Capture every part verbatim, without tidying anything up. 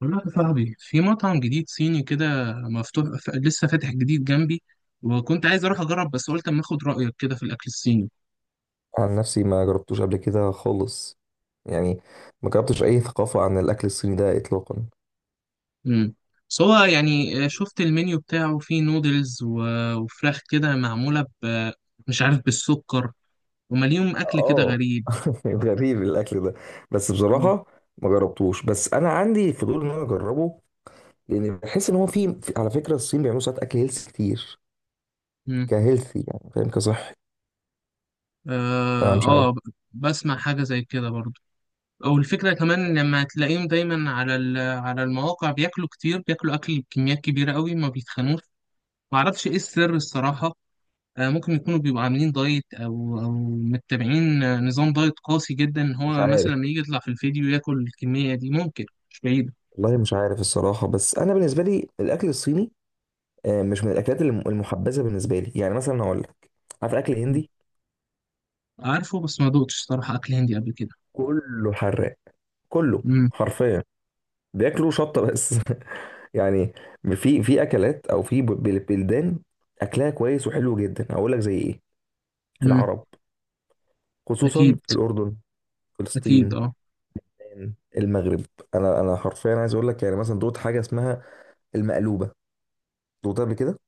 بقول لك يا صاحبي، في مطعم جديد صيني كده مفتوح ف- لسه فاتح جديد جنبي. وكنت عايز اروح اجرب، بس قلت اما اخد رايك كده في الاكل الصيني. عن نفسي ما جربتوش قبل كده خالص. يعني ما جربتش اي ثقافة عن الاكل الصيني ده اطلاقا. امم بس هو يعني آه، شفت المنيو بتاعه فيه نودلز و- وفراخ كده معموله ب مش عارف، بالسكر ومليون اكل كده اه، غريب. غريب الاكل ده. بس مم. بصراحة ما جربتوش، بس انا عندي فضول ان انا اجربه، لان بحس ان هو في في- على فكرة الصين بيعملوا ساعات اكل هيلث كتير، مم. كهيلثي يعني فاهم، كصحي. اه. فمش عارف. آه، ب- بسمع حاجه زي كده برضو. او الفكره كمان لما تلاقيهم دايما على ال- على المواقع، بياكلوا كتير، بياكلوا اكل بكميات كبيره قوي ما بيتخنوش. معرفش ايه السر الصراحه. آه، ممكن يكونوا بيبقوا عاملين دايت، او او متبعين آه، نظام دايت قاسي جدا، إن مش هو مثلا عارف. لما يجي يطلع في الفيديو ياكل الكميه دي ممكن. مش بعيده. والله مش عارف الصراحة. بس انا بالنسبة لي الاكل الصيني آه، مش من الاكلات الم- المحبذة بالنسبة لي. يعني مثلا هقول لك، عارف اكل مم. هندي؟ عارفه، بس ما دوقتش صراحه اكل هندي قبل كده. كله حراق، كله امم حرفيا، بياكلوا شطة بس. يعني في في أكلات أو في بل- بلدان أكلها كويس وحلو جدا. هقول لك زي إيه؟ امم العرب، خصوصا اكيد. الأردن، اكيد فلسطين، اه. المغرب. أنا أنا حرفيا عايز أقول لك، يعني مثلا دوت حاجة اسمها المقلوبة؟ دوت قبل كده؟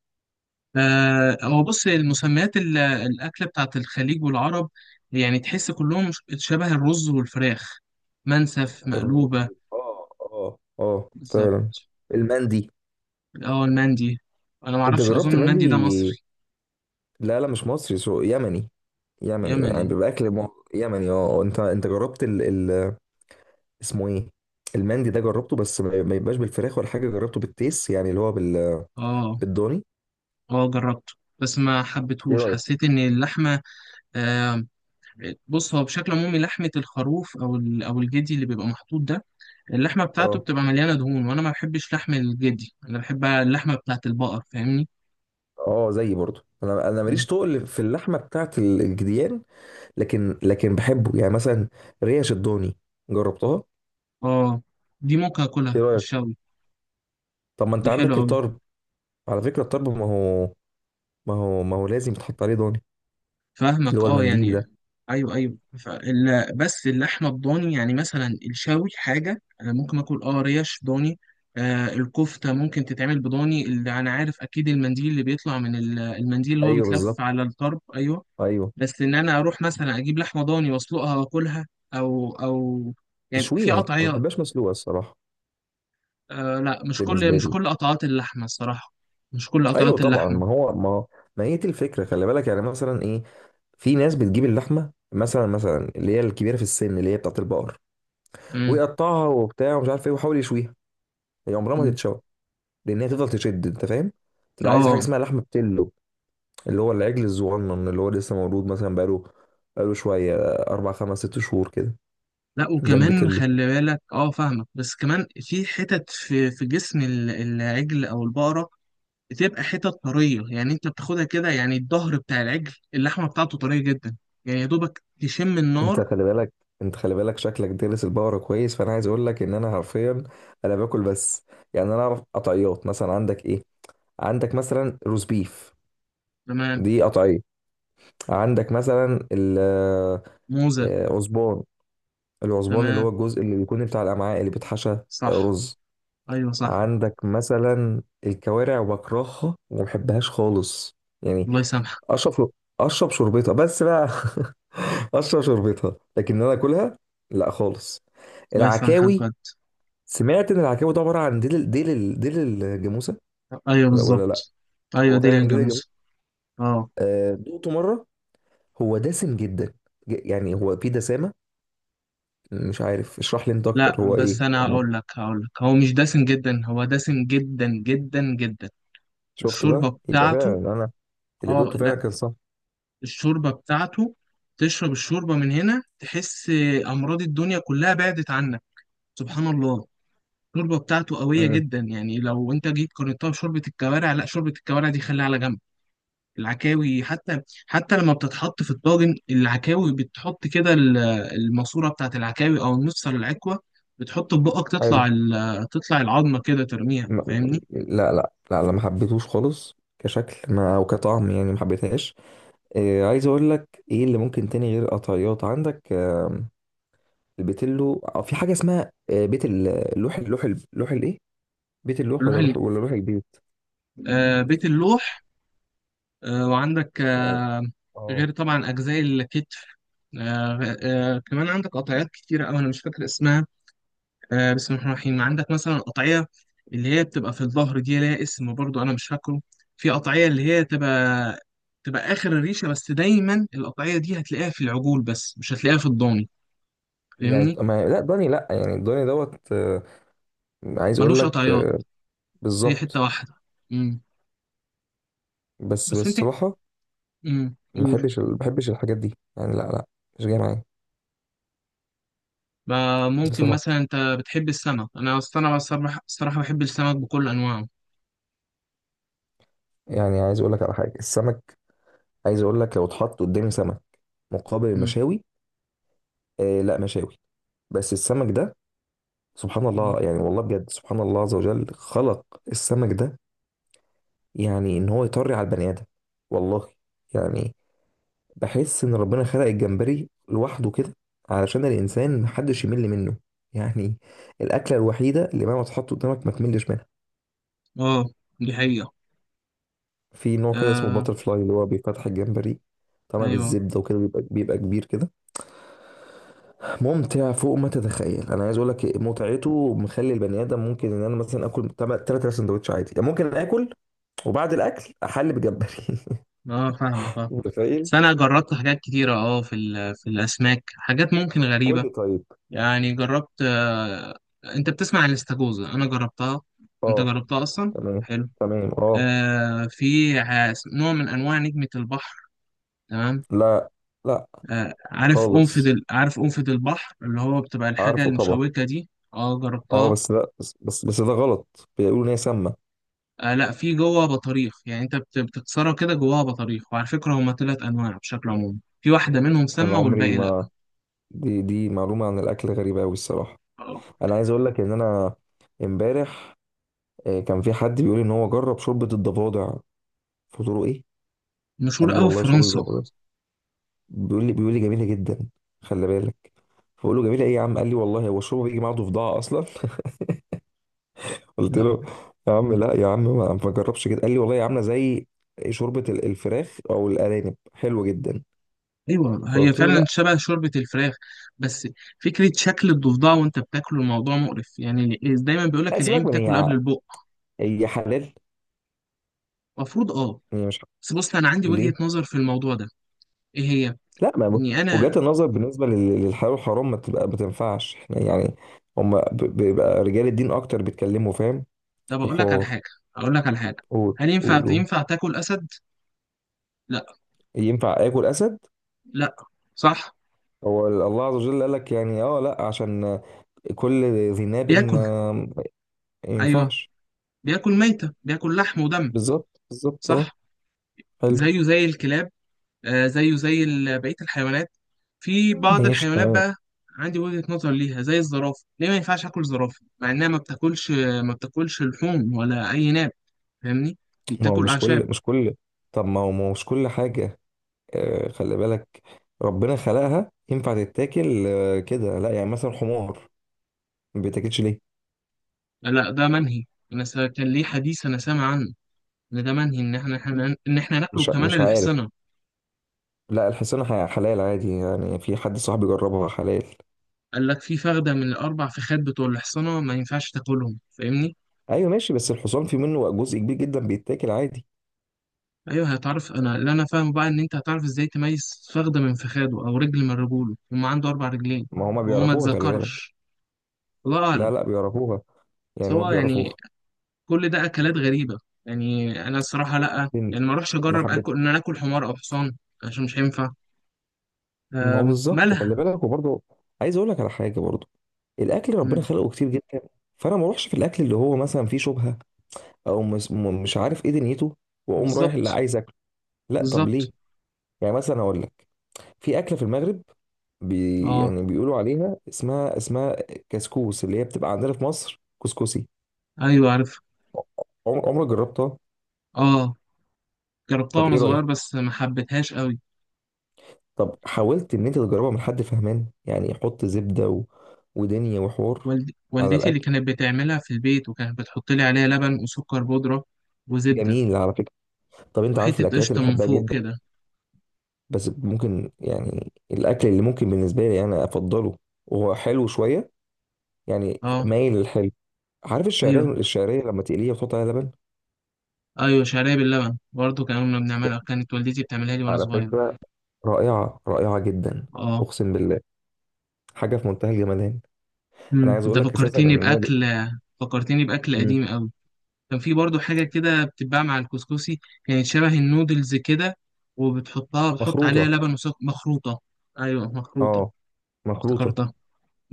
آه، هو بص، المسميات ال- الاكله بتاعت الخليج والعرب، يعني تحس كلهم ش- شبه الرز والفراخ. منسف، الرز- مقلوبه. اه اه اه، فعلا بالظبط. المندي. اه، المندي. انا ما أنت اعرفش، اظن جربت المندي ده المندي؟ مصري. لا لا، مش مصري، سو يمني. يمني، يعني يمني. بيبقى أكل مو- يمني. اه آه، أنت أنت جربت ال...؟ اسمه ايه؟ المندي ده جربته، بس ما ما يبقاش بالفراخ ولا حاجه، جربته بالتيس، يعني اللي هو بال... اه، بالضاني. اه، جربته بس ما ايه حبيتهوش، رايك؟ حسيت ان اللحمه... آه بص، هو بشكل عمومي لحمه الخروف او ال- او الجدي اللي بيبقى محطوط ده، اللحمه بتاعته اه بتبقى مليانه دهون، وانا ما بحبش لحم الجدي، انا بحب اللحمه بتاعت البقر، فاهمني؟ اه، زيي برضو. انا انا م. ماليش تقل في اللحمه بتاعت ال- الجديان. لكن لكن بحبه، يعني مثلا ريش الضاني جربتها. اه. دي ممكن اكلها ايه في رايك؟ الشوي. طب ما دي انت حلوه عندك قوي. الطرب. على فكره الطرب، ما هو ما هو ما هو لازم يتحط عليه ضاني. اللي فاهمك، هو اه المنديل يعني. ده. ايوه، ايوه. فال... بس اللحمه الضاني، يعني مثلا الشاوي حاجه انا ممكن اكل، اه، ريش ضاني. آه الكفته ممكن تتعمل بضاني، اللي انا عارف اكيد المنديل اللي بيطلع من ال- المنديل اللي هو ايوه بيتلف بالظبط. على الطرب، ايوه. ايوه بس ان انا اروح مثلا اجيب لحمه ضاني واسلقها واكلها، او او يعني في تشويها، انا ما قطعيات. بحبهاش مسلوقه الصراحه آه لا، مش كل بالنسبه مش لي. كل قطعات اللحمه الصراحه. مش كل ايوه قطعات طبعا، اللحمه. ما هو ما ما هي دي الفكره. خلي بالك، يعني مثلا ايه؟ في ناس بتجيب اللحمه مثلا مثلا اللي هي الكبيره في السن، اللي هي بتاعت البقر، امم ويقطعها وبتاع ومش عارف ايه، ويحاول يشويها. هي عمرها ما أمم. تتشوى، لان هي تفضل تشد، انت فاهم؟ تبقى عايز حاجه اه اسمها لحمه بتلو، اللي هو العجل الصغنن اللي هو لسه مولود، مثلا بقاله بقاله شويه، اربع خمس ست شهور كده، لا، ده وكمان البتلو. خلي بالك، اه فاهمك، بس كمان في حتت في في جسم ال- العجل او البقره، بتبقى حتت طريه، يعني انت بتاخدها كده، يعني الظهر بتاع العجل اللحمه بتاعته طريه جدا، يعني يا دوبك تشم انت النار. خلي بالك، انت خلي بالك شكلك دارس البقره كويس. فانا عايز اقول لك ان انا حرفيا انا باكل بس، يعني انا اعرف قطعيات، مثلا عندك ايه؟ عندك مثلا روز بيف، تمام. دي قطعيه. عندك مثلا موزه. العصبان، العصبان اللي هو تمام، الجزء اللي بيكون بتاع الامعاء اللي بيتحشى آه، صح. رز. ايوه، صح. عندك مثلا الكوارع، بكرهها وما بحبهاش خالص يعني. الله يسامحك. اشرب، اشرب شوربتها بس بقى. اشرب شوربتها، لكن إن انا اكلها لا خالص. الله يسامحك العكاوي، بجد. سمعت ان العكاوي ده عباره عن ديل ديل ديل الجاموسه. ايوه، لا ولا لا، بالظبط. ايوه، هو ديل فعلا ديل الجاموسه. الجاموسه. اه آه، دوقته مره، هو دسم جدا، ج- يعني هو فيه دسامه. مش عارف، اشرح لي انت لا، اكتر هو بس ايه انا يعني. هقول لك هقول لك هو مش دسم جدا، هو دسم جدا جدا جدا. شفت الشوربه بقى، يبقى فعلا بتاعته. انا اللي اه دوقته فعلا لا. كان صح. الشوربة بتاعته، تشرب الشوربة من هنا، تحس أمراض الدنيا كلها بعدت عنك. سبحان الله. الشوربة بتاعته قوية امم، جدا، يعني لو أنت جيت قارنتها بشوربة الكوارع، لا، شوربة الكوارع دي خليها على جنب. العكاوي حتى، حتى لما بتتحط في الطاجن العكاوي بتحط كده ال- الماسورة بتاعت العكاوي، أو النص على العكوة، بتحط في بقك حلو. تطلع ال- تطلع العظمة كده ترميها، م- م- فاهمني؟ لا لا لا لا، ما حبيتهوش خالص كشكل ما او كطعم، يعني ما حبيتهاش. إيه عايز اقول لك، ايه اللي ممكن تاني غير قطعيات عندك؟ آم، البيتلو، أو في حاجه اسمها آه، بيت ال- اللوح، اللوح. اللوح الايه؟ بيت اللوح اللوح ولا ال- لوح ولا لوح البيت؟ آه، بيت اللوح. آه، وعندك يعني آه، اه. غير طبعا أجزاء الكتف. آه آه كمان عندك قطعيات كتيرة أوي، أنا مش فاكر اسمها. آه بسم الله الرحمن الرحيم، عندك مثلا قطعية اللي هي بتبقى في الظهر، دي ليها اسم برضو، أنا مش فاكره. في قطعية اللي هي تبقى تبقى آخر الريشة، بس دايما القطعية دي هتلاقيها في العجول بس مش هتلاقيها في الضاني، يعني فاهمني؟ ما لا داني، لا يعني داني دوت آه، عايز اقول ملوش لك قطعيات، آه، هي حتة بالظبط. واحدة. مم. بس بس أنت. بصراحة مم، ما قول. بحبش ما بحبش الحاجات دي، يعني لا لا، مش جاي معايا. بقى ممكن بصراحه مثلا أنت بتحب السمك، أنا أصل أنا بصراحة الصراحة بحب السمك بكل أنواعه. يعني عايز اقول لك على حاجه، السمك. عايز اقول لك، لو اتحط قدامي سمك مقابل مم. المشاوي، آه لا، مشاوي. بس السمك ده، سبحان الله، يعني والله بجد، سبحان الله عز وجل خلق السمك ده يعني ان هو يطري على البني ادم. والله. يعني بحس ان ربنا خلق الجمبري لوحده كده علشان الانسان محدش يمل منه، يعني الاكله الوحيده اللي مهما تحط قدامك ما تملش منها. اه، دي حقيقة. في نوع كده اسمه آه. باتر فلاي، اللي هو بيفتح الجمبري، طبعا أيوه. بالزبده وكده، بيبقى بيبقى كبير كده، ممتع فوق ما تتخيل. انا عايز اقول لك متعته مخلي البني ادم، ممكن ان انا مثلا اكل ثلاث سندوتش عادي، يعني ممكن اكل وبعد الاكل احل بجمبري. اه فاهمك اه. متخيل؟ بس انا جربت حاجات كتيره، اه، في ال- في الاسماك حاجات ممكن قول غريبه. لي طيب. يعني جربت، آه انت بتسمع عن الاستاكوزا، انا جربتها. اه انت جربتها اصلا؟ تمام. حلو. تمام اه. آه في ع- نوع من انواع نجمه البحر. تمام. لا، لا آه عارف قنفذ خالص. ال- عارف قنفذ البحر اللي هو بتبقى الحاجه عارفه طبعا. المشوكه دي؟ اه، اه جربتها. بس لا، بس بس, بس ده غلط، بيقولوا ان هي سامه. آه لا، في جوه بطاريخ، يعني انت بت- بتكسرها كده جواها بطاريخ، وعلى فكره هما ثلاث انواع بشكل عمومي، في واحده منهم انا سامه عمري والباقي... ما، دي دي معلومه عن الاكل غريبه قوي الصراحه. لا. انا عايز اقول لك ان انا امبارح آه، كان في حد بيقول ان هو جرب شوربه الضفادع. قلت له ايه؟ قال مشهور لي قوي في والله شوربه فرنسا. الضفادع. بيقول لي بيقول لي جميله جدا. خلي بالك. فبقول له جميله ايه يا عم؟ قال لي والله هو الشوربه بيجي معاها ضفدعه اصلا. قلت لا. له يا عم لا يا عم، ما ما جربش كده. قال لي والله عامله زي شوربه ال- الفراخ او الارانب حلوه جدا. ايوه، هي فقلت له فعلا شبه شوربه الفراخ. بس فكره شكل الضفدع وانت بتاكله الموضوع مقرف، يعني دايما بيقول لا، لك العين سيبك من بتاكل هي، قبل البق. هي حلال، المفروض اه. هي مش بس بص، انا عندي حلال. وجهه ليه؟ نظر في الموضوع ده. ايه هي؟ لا ما، اني انا... وجهات النظر بالنسبه لل- للحلال والحرام ما تبقى، ما تنفعش احنا يعني. هم بيبقى رجال الدين اكتر بيتكلموا، فاهم، طب في اقول لك على الحوار. حاجه اقول لك على حاجه قول هل قول ينفع قول. ينفع تاكل اسد؟ لا. ينفع اكل اسد؟ لا. صح. هو الله عز وجل قال لك يعني، اه لا، عشان كل ذي ناب بياكل. آه، ما ايوه، ينفعش. بياكل ميته، بياكل لحم ودم. بالظبط بالظبط اه. صح. حلو. زيه زي الكلاب. آه، زيه زي ال- بقية الحيوانات. في بعض ماشي الحيوانات تمام. بقى، عندي وجهة نظر ليها زي الزرافة، ليه ما ينفعش آكل زرافة مع إنها ما بتاكلش؟ ما بتاكلش لحوم ولا أي ناب، فاهمني؟ دي ما هو بتاكل مش أعشاب. كل مش كل طب ما هو ما هو مش كل حاجه آه، خلي بالك ربنا خلقها ينفع تتاكل آه، كده، لا. يعني مثلا حمار ما بيتاكلش ليه؟ لا، ده منهي. أنا سا- كان ليه حديث أنا سامع عنه، إن ده منهي، إن إحنا إحنا- إن إحنا ناكله مش كمان مش عارف. الحصنة. لا الحصان ح- حلال عادي، يعني في حد صاحبي جربها، حلال. قال لك في فخدة من الأربع فخاد بتوع الحصنة ما ينفعش تاكلهم، فاهمني؟ ايوه ماشي، بس الحصان في منه جزء كبير جدا بيتاكل عادي. ايوه هتعرف، انا اللي انا فاهم بقى ان انت هتعرف ازاي تميز فخده من فخاده، او رجل من رجوله، هما عنده اربع رجلين. ما هما وهو ما بيعرفوها، خلي بالك. اتذكرش، الله لا اعلم. لا بيعرفوها، يعني هما سواء يعني، بيعرفوها. كل ده اكلات غريبه. يعني انا الصراحه، لا لكن يعني ما اروحش ما اجرب حبيت، اكل، ان انا اكل حمار او حصان. عشان مش هينفع. ما هو أم، بالظبط مالها؟ خلي بالك. وبرضه عايز اقول لك على حاجه برضه، الاكل ربنا أم، خلقه كتير جدا، فانا ما اروحش في الاكل اللي هو مثلا فيه شبهه، او مس- م- مش عارف ايه دنيته، واقوم رايح اللي بالظبط، عايز اكله. لا طب ليه؟ بالظبط، يعني مثلا اقول لك، في اكله في المغرب بي، اه. يعني بيقولوا عليها اسمها اسمها كسكوس، اللي هي بتبقى عندنا في مصر كسكسي. ايوه، عارف. عم- عمرك جربتها؟ اه، جربتها طب وانا ايه صغير رأيك؟ بس ما حبيتهاش قوي. طب حاولت ان انت تجربها من حد فهمان يعني، يحط زبدة و... ودنيا وحور والد... على والدتي اللي الاكل. كانت بتعملها في البيت، وكانت بتحط لي عليها لبن وسكر بودره، وزبده، جميل على فكرة. طب انت عارف وحتة الاكلات اللي قشطة من بحبها فوق جدا؟ كده. بس ممكن يعني الاكل اللي ممكن بالنسبة لي انا افضله، وهو حلو شوية يعني اه. مايل للحلو. عارف ايوه، الشعرية؟ الشعرية لما تقليها وتحط عليها لبن، ايوه، شعرية باللبن برضه، كنا كنا بنعملها، كانت والدتي بتعملها لي وانا على صغير. فكرة، رائعة رائعة جدا. اه. أقسم بالله، حاجه في منتهى الجمدان. انا امم عايز انت اقول لك اساسا ان فكرتني انا د- باكل، فكرتني باكل مم. قديم قوي. كان في برضه حاجة كده بتتباع مع الكسكسي، كانت شبه النودلز كده، وبتحطها بتحط عليها مخروطه. لبن وسكر مخروطة. ايوه، مخروطة. اه، مخروطه. افتكرتها.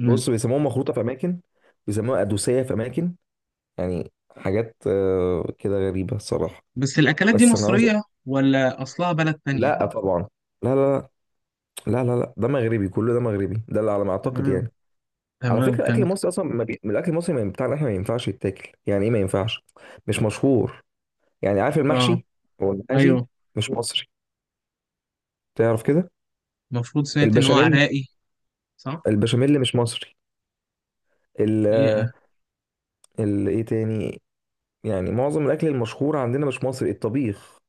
امم بص، بيسموها مخروطه في اماكن، بيسموها ادوسيه في اماكن، يعني حاجات آه، كده غريبه الصراحه. بس الاكلات دي بس انا عايز مصرية أقول- ولا اصلها بلد تانية؟ لا طبعا. لا لا. لا لا لا ده مغربي، كله ده مغربي ده اللي على ما اعتقد تمام. يعني. على تمام، فكره الاكل فهمت. المصري اصلا ما بي... الاكل المصري ما- بتاعنا احنا ما ينفعش يتاكل، يعني ايه ما ينفعش؟ مش مشهور. يعني عارف اه. المحشي؟ هو المحاشي ايوه. مش مصري، تعرف كده. المفروض سمعت ان هو البشاميل، عراقي. صح؟ البشاميل مش مصري. ال- هي. ال- ايه تاني؟ يعني معظم الاكل المشهور عندنا مش مصري. الطبيخ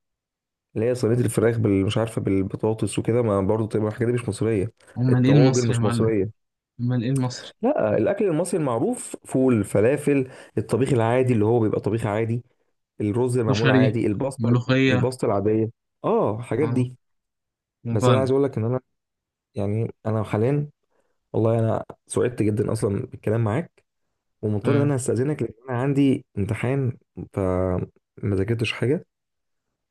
اللي هي صينيه الفراخ بال مش عارفه بالبطاطس وكده، ما برضه تبقى الحاجات دي مش مصريه. امال ايه الطواجن المصري يا مش معلم؟ مصريه. امال ايه المصري؟ لا، الاكل المصري المعروف فول، فلافل، الطبيخ العادي اللي هو بيبقى طبيخ عادي، الرز المعمول كشري. عادي، الباستا، ملوخية. الباستا العاديه اه. الحاجات اه، دي، بس انا عايز مفاهيم. اقول لك ان انا، يعني انا حاليا، والله انا سعدت جدا اصلا بالكلام معاك، ومضطر ان آه. انا استاذنك لان انا عندي امتحان، فما ذاكرتش حاجه.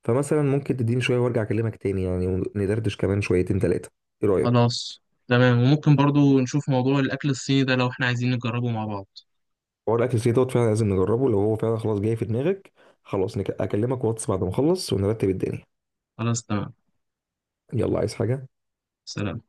فمثلا ممكن تديني شويه وارجع اكلمك تاني يعني، وندردش كمان شويتين تلاتة. ايه رايك؟ خلاص تمام، وممكن برضو نشوف موضوع الاكل الصيني ده لو احنا عايزين نجربه مع بعض. حوار الاكل السريع دوت فعلا لازم نجربه لو هو فعلا خلاص جاي في دماغك. خلاص نك- اكلمك واتس بعد ما اخلص ونرتب الدنيا. خلاص تمام. يلا، عايز حاجه؟ سلام.